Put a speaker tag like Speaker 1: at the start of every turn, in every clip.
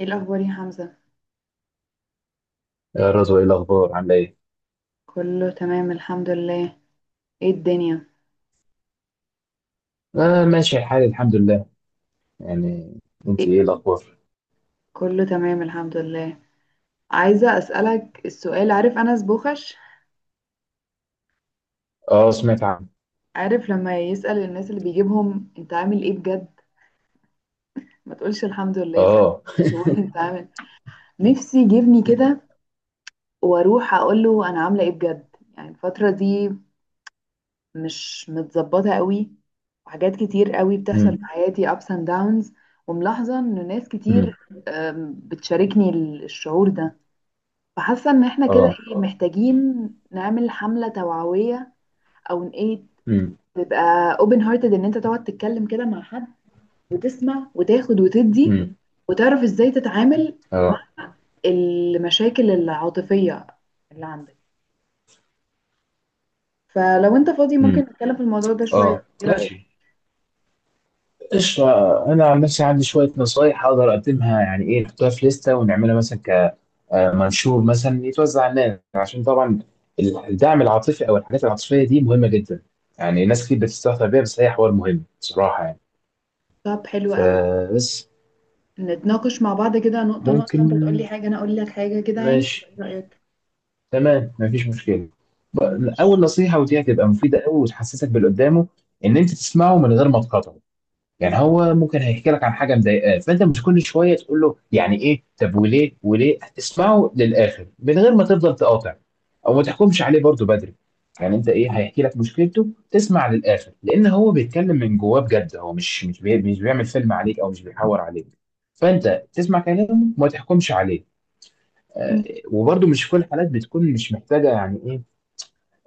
Speaker 1: ايه الاخبار يا حمزة؟
Speaker 2: يا رضوى، ايه الاخبار؟ عامله ايه؟
Speaker 1: كله تمام الحمد لله. ايه الدنيا؟
Speaker 2: آه، ماشي الحال الحمد لله يعني. انت
Speaker 1: ايه،
Speaker 2: ايه الاخبار؟
Speaker 1: كله تمام الحمد لله. عايزة اسألك السؤال، عارف انس بوخش؟
Speaker 2: اه، سمعت عنه.
Speaker 1: عارف لما يسأل الناس اللي بيجيبهم انت عامل ايه بجد؟ ما تقولش الحمد لله، صح؟
Speaker 2: اه.
Speaker 1: تقول انت عامل. نفسي يجيبني كده، واروح اقول له انا عاملة ايه بجد. يعني الفترة دي مش متظبطة قوي، وحاجات كتير قوي بتحصل في
Speaker 2: امم.
Speaker 1: حياتي، ups and downs. وملاحظة ان ناس كتير،
Speaker 2: امم.
Speaker 1: بتشاركني الشعور ده، فحاسه ان احنا كده
Speaker 2: اه.
Speaker 1: ايه، محتاجين نعمل حمله توعويه، او إن ايه،
Speaker 2: امم.
Speaker 1: تبقى اوبن هارتد، ان انت تقعد تتكلم كده مع حد، وتسمع وتاخد وتدي،
Speaker 2: امم.
Speaker 1: وتعرف ازاي تتعامل مع
Speaker 2: اه.
Speaker 1: المشاكل العاطفيه اللي عندك. فلو انت فاضي ممكن
Speaker 2: امم.
Speaker 1: نتكلم في الموضوع ده شويه،
Speaker 2: اه،
Speaker 1: ايه رايك؟
Speaker 2: ماشي. قشطة. أنا عن نفسي عندي شوية نصايح أقدر أقدمها، يعني إيه، نحطها في لستة ونعملها مثلا كمنشور مثلا يتوزع على الناس، عشان طبعا الدعم العاطفي أو الحاجات العاطفية دي مهمة جدا. يعني ناس كتير بتستهتر بيها بس هي حوار مهم بصراحة يعني.
Speaker 1: طب حلو قوي.
Speaker 2: فبس.
Speaker 1: نتناقش مع بعض كده نقطه نقطه، انت تقول
Speaker 2: ممكن.
Speaker 1: لي حاجه انا اقول لك حاجه كده يعني،
Speaker 2: ماشي.
Speaker 1: ايه رايك؟
Speaker 2: تمام، مفيش مشكله.
Speaker 1: ماشي.
Speaker 2: اول نصيحه، ودي هتبقى مفيده قوي وتحسسك باللي قدامه، ان انت تسمعه من غير ما تقاطعه. يعني هو ممكن هيحكي لك عن حاجه مضايقاه، فانت مش كل شويه تقول له يعني ايه؟ طب وليه وليه؟ اسمعه للاخر من غير ما تفضل تقاطع. او ما تحكمش عليه برضه بدري. يعني انت ايه، هيحكي لك مشكلته، تسمع للاخر لان هو بيتكلم من جواه بجد. هو مش بيعمل فيلم عليك، او مش بيحور عليك. فانت تسمع كلامه وما تحكمش عليه. آه. وبرضه مش في كل الحالات بتكون مش محتاجه يعني ايه.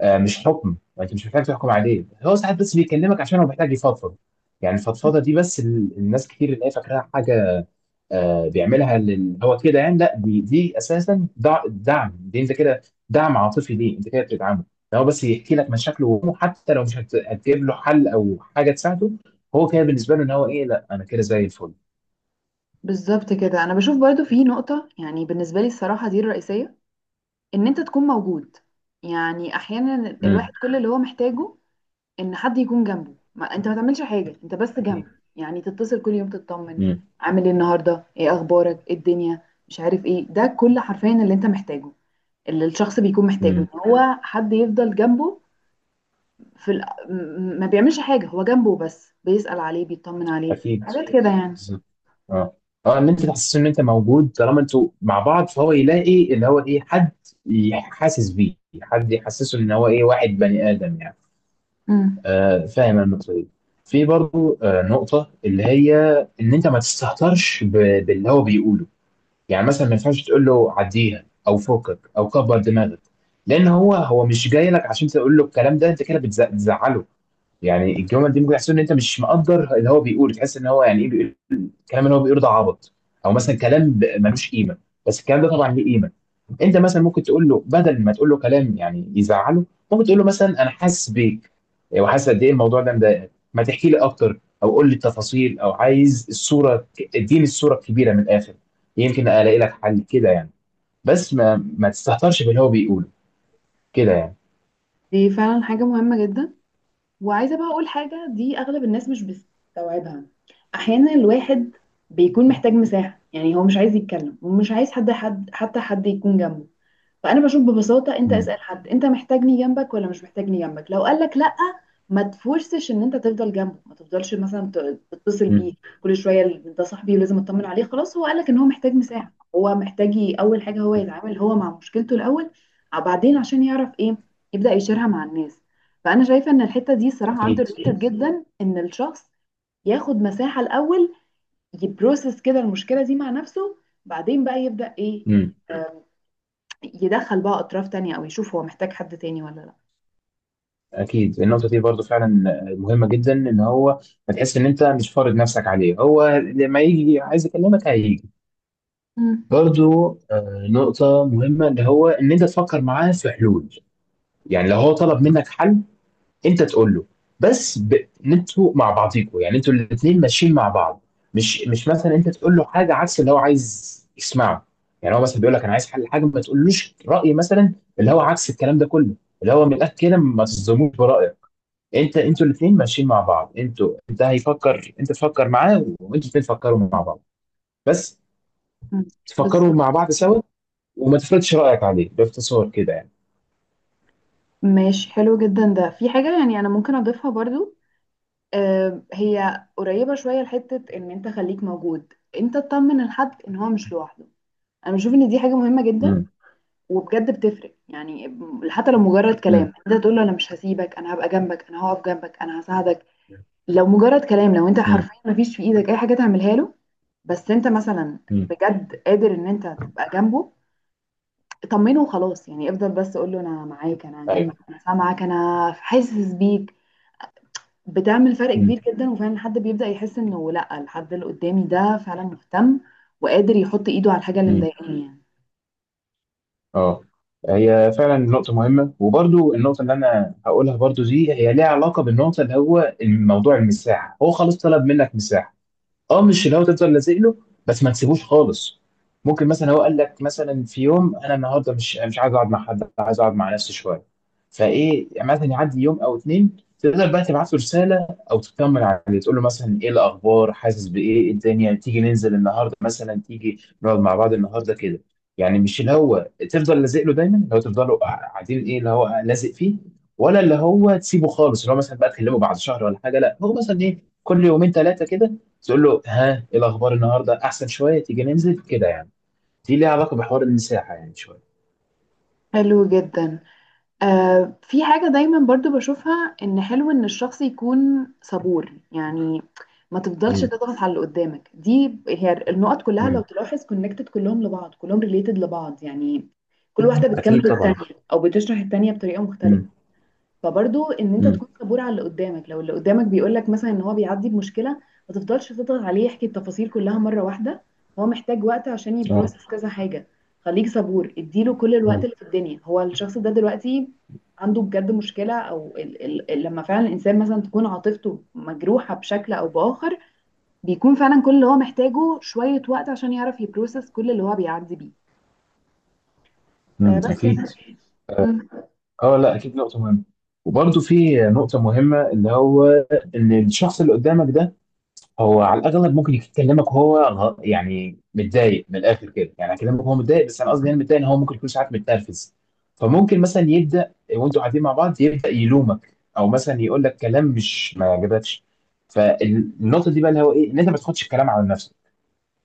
Speaker 2: آه، مش حكم، وانت مش محتاج تحكم عليه. هو ساعات بس بيكلمك عشان هو محتاج يفضفض. يعني الفضفضه دي، بس الناس كتير اللي هي فاكراها حاجه. آه، هو كده يعني. لا، دي اساسا دعم. دي انت كده دعم عاطفي، ليه انت كده بتدعمه. ده هو بس يحكي لك مشاكله وهمه، حتى لو مش هت- هتجيب له حل او حاجه تساعده، هو كده بالنسبه له. ان هو ايه، لا انا كده زي الفل.
Speaker 1: بالظبط كده. انا بشوف برضو في نقطة، يعني بالنسبة لي الصراحة دي الرئيسية، ان انت تكون موجود. يعني احيانا الواحد
Speaker 2: امم.
Speaker 1: كل اللي هو محتاجه ان حد يكون جنبه، ما انت ما تعملش حاجه، انت بس جنبه.
Speaker 2: اكيد.
Speaker 1: يعني تتصل كل يوم تطمن،
Speaker 2: امم.
Speaker 1: عامل ايه النهارده، ايه اخبارك، ايه الدنيا، مش عارف ايه، ده كل حرفيا اللي انت محتاجه، اللي الشخص بيكون محتاجه،
Speaker 2: امم.
Speaker 1: ان هو حد يفضل جنبه في ال... ما بيعملش حاجه، هو جنبه بس بيسأل عليه بيطمن عليه،
Speaker 2: اكيد.
Speaker 1: حاجات كده يعني.
Speaker 2: بالظبط. اه. اه، ان انت تحسسه ان انت موجود، طالما انتوا مع بعض، فهو يلاقي اللي هو ايه، حد يحاسس بيه، حد يحسسه ان هو ايه، واحد بني ادم يعني.
Speaker 1: امم.
Speaker 2: آه، فاهم النقطه دي. في برضو آه نقطه، اللي هي ان انت ما تستهترش باللي هو بيقوله. يعني مثلا ما ينفعش تقول له عديها، او فوقك، او كبر دماغك. لان هو مش جاي لك عشان تقول له الكلام ده، انت كده بتزعله. يعني الجمل دي ممكن يحسسه ان انت مش مقدر اللي هو بيقوله. تحس ان هو يعني ايه، بيقول الكلام اللي هو بيقول ده عبط، او مثلا كلام ملوش قيمه. بس الكلام ده طبعا ليه قيمه. انت مثلا ممكن تقول له بدل ما تقول له كلام يعني يزعله، ممكن تقول له مثلا انا حاسس بيك، وحاسس قد ايه الموضوع ده مضايقك. ما تحكي لي اكتر، او قول لي التفاصيل، او عايز الصوره، اديني الصوره الكبيره من الاخر، يمكن الاقي لك حل كده يعني. بس ما تستهترش باللي هو بيقوله كده يعني.
Speaker 1: دي فعلا حاجه مهمه جدا. وعايزة بقى أقول حاجة، دي أغلب الناس مش بتستوعبها. أحيانا الواحد بيكون محتاج مساحة، يعني هو مش عايز يتكلم ومش عايز حد حتى حد يكون جنبه. فانا بشوف ببساطه انت
Speaker 2: امم.
Speaker 1: اسال حد، انت محتاجني جنبك ولا مش محتاجني جنبك؟ لو قال لك لا، ما تفورسش ان انت تفضل جنبه، ما تفضلش مثلا تتصل
Speaker 2: امم.
Speaker 1: بيه كل شويه، ده صاحبي ولازم اطمن عليه. خلاص هو قال لك ان هو محتاج مساحه، هو محتاج اول حاجه هو
Speaker 2: أمم.
Speaker 1: يتعامل هو مع مشكلته الاول، بعدين عشان يعرف ايه، يبدا يشيرها مع الناس. فانا شايفه ان الحته دي صراحه اندر
Speaker 2: اكيد.
Speaker 1: ريتد جدا، ان الشخص ياخد مساحه الاول، يبروسس كده المشكله دي مع نفسه، بعدين بقى يبدا ايه،
Speaker 2: امم.
Speaker 1: يدخل بقى اطراف تانية، او يشوف هو محتاج حد تاني ولا لا.
Speaker 2: اكيد، النقطه دي برضو فعلا آه، مهمه جدا. ان هو، ما تحس ان انت مش فارض نفسك عليه، هو لما يجي عايز يكلمك هيجي.
Speaker 1: مم.
Speaker 2: برضو آه، نقطه مهمه اللي هو ان انت تفكر معاه في حلول. يعني لو هو طلب منك حل، انت تقول له بس ب... ان انتوا مع بعضيكوا، يعني انتوا الاثنين ماشيين مع بعض. مش مثلا انت تقول له حاجه عكس اللي هو عايز يسمعه. يعني هو مثلا بيقول لك انا عايز حل حاجه، ما تقولوش راي مثلا اللي هو عكس الكلام ده كله، اللي هو من الاخر كده ما تصدموش برايك. انت، انتوا الاثنين ماشيين مع بعض، انتوا، انت هيفكر، انت تفكر معاه، وانتوا الاثنين تفكروا مع بعض، بس.
Speaker 1: مم.
Speaker 2: تفكروا
Speaker 1: بالظبط.
Speaker 2: مع بعض سوا. وما تفرضش رايك عليه باختصار كده يعني.
Speaker 1: ماشي حلو جدا. ده في حاجة يعني انا ممكن اضيفها برضو. آه، هي قريبة شوية لحتة ان انت خليك موجود، انت تطمن الحد ان هو مش لوحده. انا بشوف ان دي حاجة مهمة جدا،
Speaker 2: امم.
Speaker 1: وبجد بتفرق يعني. حتى لو مجرد كلام،
Speaker 2: امم.
Speaker 1: انت تقول له انا مش هسيبك، انا هبقى جنبك، انا هقف جنبك، انا هساعدك. لو مجرد كلام، لو انت
Speaker 2: امم.
Speaker 1: حرفيا مفيش في ايدك اي حاجة تعملها له، بس انت مثلا
Speaker 2: امم.
Speaker 1: بجد قادر ان انت تبقى جنبه، طمنه وخلاص يعني. افضل بس قول له انا معاك، انا هنجمع،
Speaker 2: ايوه.
Speaker 1: انا سامعك، انا حاسس بيك. بتعمل فرق
Speaker 2: امم.
Speaker 1: كبير جدا، وفعلا الحد بيبدأ يحس انه لا، الحد اللي قدامي ده فعلا مهتم، وقادر يحط ايده على الحاجة اللي
Speaker 2: امم.
Speaker 1: مضايقاني يعني.
Speaker 2: اه، هي فعلا نقطة مهمة. وبرضو النقطة اللي أنا هقولها برضو دي هي ليها علاقة بالنقطة اللي هو الموضوع المساحة، هو خلاص طلب منك مساحة، اه مش اللي هو تفضل لازق له، بس ما تسيبوش خالص. ممكن مثلا هو قال لك مثلا في يوم انا النهارده مش عايز اقعد مع حد، عايز اقعد مع نفسي شويه. فايه، يعني مثلا يعدي يوم او اتنين، تقدر بقى تبعت له رساله او تطمن عليه، تقول له مثلا ايه الاخبار، حاسس بايه، إيه الدنيا، تيجي ننزل النهارده مثلا، تيجي نقعد مع بعض النهارده كده. يعني مش اللي هو تفضل لازق له دايما، اللي هو تفضلوا قاعدين، ايه اللي هو لازق فيه، ولا اللي هو تسيبه خالص اللي هو مثلا بقى تكلمه بعد شهر ولا حاجه. لا، هو مثلا ايه، كل يومين ثلاثه كده، تقول له ها، ايه الاخبار النهارده؟ احسن شويه؟ تيجي ننزل كده يعني. دي ليها علاقه بحوار المساحه يعني شويه.
Speaker 1: حلو جدا. آه، في حاجة دايما برضو بشوفها، ان حلو ان الشخص يكون صبور يعني. ما تفضلش
Speaker 2: امم.
Speaker 1: تضغط على اللي قدامك. دي هي النقط كلها لو
Speaker 2: امم.
Speaker 1: تلاحظ كونكتد كلهم لبعض، كلهم ريليتد لبعض يعني. كل واحدة بتكمل
Speaker 2: اكيد
Speaker 1: التانية،
Speaker 2: طبعا.
Speaker 1: او بتشرح التانية بطريقة مختلفة.
Speaker 2: امم.
Speaker 1: فبرضو ان انت
Speaker 2: امم.
Speaker 1: تكون صبور على اللي قدامك. لو اللي قدامك بيقول لك مثلا ان هو بيعدي بمشكله، ما تفضلش تضغط عليه يحكي التفاصيل كلها مره واحده. هو محتاج وقت عشان
Speaker 2: اه.
Speaker 1: يبروسس كذا حاجه. خليك صبور، اديله كل الوقت
Speaker 2: امم.
Speaker 1: اللي في الدنيا. هو الشخص ده دلوقتي عنده بجد مشكله، او لما فعلا الانسان مثلا تكون عاطفته مجروحه بشكل او باخر، بيكون فعلا كل اللي هو محتاجه شويه وقت عشان يعرف يبروسس كل اللي هو بيعدي بيه. آه
Speaker 2: امم.
Speaker 1: بس
Speaker 2: اكيد.
Speaker 1: يعني. مم.
Speaker 2: اه لا، اكيد نقطه مهمه. وبرضه في نقطه مهمه اللي هو ان الشخص اللي قدامك ده، هو على الاغلب ممكن يكلمك وهو يعني متضايق من الاخر كده. يعني اكلمك وهو متضايق. بس انا قصدي يعني متضايق، ان هو ممكن يكون ساعات متنرفز. فممكن مثلا يبدا وانتوا قاعدين مع بعض يبدا يلومك او مثلا يقول لك كلام مش ما عجبكش. فالنقطه دي بقى اللي هو ايه، ان انت ما تاخدش الكلام على نفسك.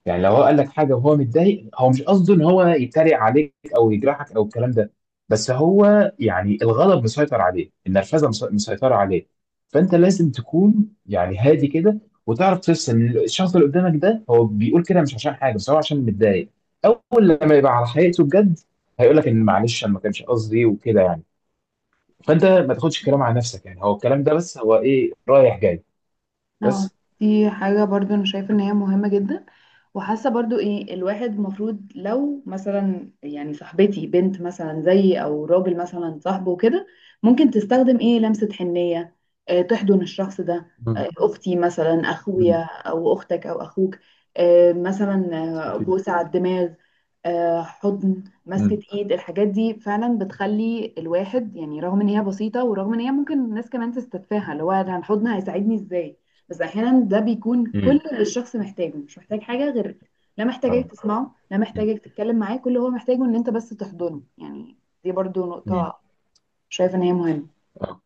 Speaker 2: يعني لو هو قال لك حاجه وهو متضايق، هو مش قصده ان هو يتريق عليك او يجرحك او الكلام ده. بس هو يعني الغضب مسيطر عليه، النرفزه مسيطره عليه. فانت لازم تكون يعني هادي كده، وتعرف تفصل. الشخص اللي قدامك ده هو بيقول كده مش عشان حاجه بس هو عشان متضايق. اول لما يبقى على حقيقته بجد، هيقول لك ان معلش انا ما كانش قصدي وكده يعني. فانت ما تاخدش الكلام على نفسك يعني. هو الكلام ده بس هو ايه، رايح جاي
Speaker 1: اه.
Speaker 2: بس.
Speaker 1: دي حاجة برضو انا شايفة ان هي مهمة جدا. وحاسة برضو ايه، الواحد المفروض لو مثلا يعني صاحبتي بنت مثلا زيي، او راجل مثلا صاحبه وكده، ممكن تستخدم ايه لمسة حنية. اه، تحضن الشخص ده. اه،
Speaker 2: مم.
Speaker 1: اختي مثلا، اخويا
Speaker 2: مم.
Speaker 1: او اختك او اخوك. اه مثلا. اه،
Speaker 2: أكيد.
Speaker 1: بوسة على الدماغ. اه، حضن، مسكة
Speaker 2: مم.
Speaker 1: ايد. الحاجات دي فعلا بتخلي الواحد يعني، رغم ان هي بسيطة، ورغم ان هي ممكن الناس كمان تستتفاهها، اللي هو أنا الحضن هيساعدني ازاي، بس احيانا ده بيكون كل
Speaker 2: امم.
Speaker 1: اللي الشخص محتاجه، مش محتاج حاجه غير، لا
Speaker 2: اه.
Speaker 1: محتاجك تسمعه لا
Speaker 2: مم.
Speaker 1: محتاجك تتكلم معاه، كل اللي هو محتاجه ان انت بس تحضنه يعني. دي برضو
Speaker 2: مم.
Speaker 1: نقطه شايفه ان هي مهمه.
Speaker 2: آه.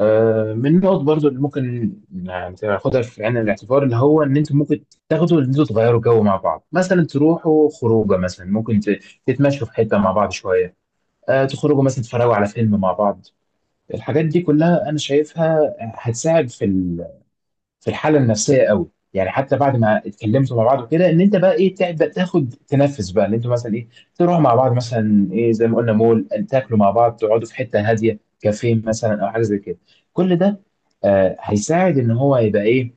Speaker 2: آه، من النقط برضو اللي ممكن يعني تاخدها في عين الاعتبار، اللي هو ان انتوا ممكن تاخدوا، ان انتوا تغيروا جو مع بعض، مثلا تروحوا خروجه، مثلا ممكن تتمشوا في حته مع بعض شويه. آه، تخرجوا مثلا تتفرجوا على فيلم مع بعض. الحاجات دي كلها انا شايفها هتساعد في، في الحاله النفسيه قوي يعني. حتى بعد ما اتكلمتوا مع بعض وكده، ان انت بقى ايه، تبدا تاخد تنفس بقى، ان انتوا مثلا ايه، تروحوا مع بعض مثلا ايه زي ما قلنا مول، تاكلوا مع بعض، تقعدوا في حته هاديه كافيه مثلا او حاجه زي كده. كل ده آه هيساعد ان هو يبقى ايه،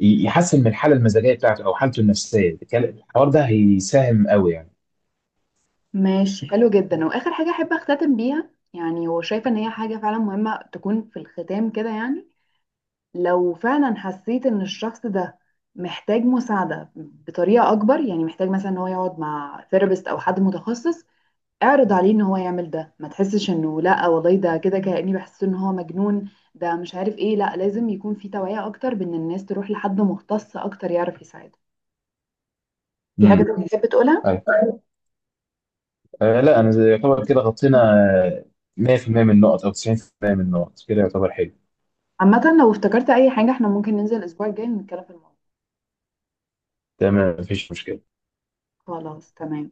Speaker 2: يحسن من الحاله المزاجيه بتاعته او حالته النفسيه. الحوار ده هيساهم قوي يعني.
Speaker 1: ماشي حلو جدا. واخر حاجه احب اختتم بيها يعني، وشايفه ان هي حاجه فعلا مهمه تكون في الختام كده يعني، لو فعلا حسيت ان الشخص ده محتاج مساعده بطريقه اكبر، يعني محتاج مثلا ان هو يقعد مع ثيرابيست او حد متخصص، اعرض عليه ان هو يعمل ده. ما تحسش انه لا والله ده كده كأني بحس ان هو مجنون ده، مش عارف ايه. لا، لازم يكون في توعية اكتر، بان الناس تروح لحد مختص اكتر يعرف يساعدها. في حاجة
Speaker 2: امم.
Speaker 1: تانية تحب تقولها؟
Speaker 2: طيب. آه لا، انا يعتبر كده غطينا آه، 100% من النقط او 90% من النقط كده يعتبر حلو.
Speaker 1: عامة لو افتكرت اي حاجة، احنا ممكن ننزل الاسبوع الجاي نتكلم في الموضوع.
Speaker 2: تمام، مفيش مشكله.
Speaker 1: خلاص، تمام.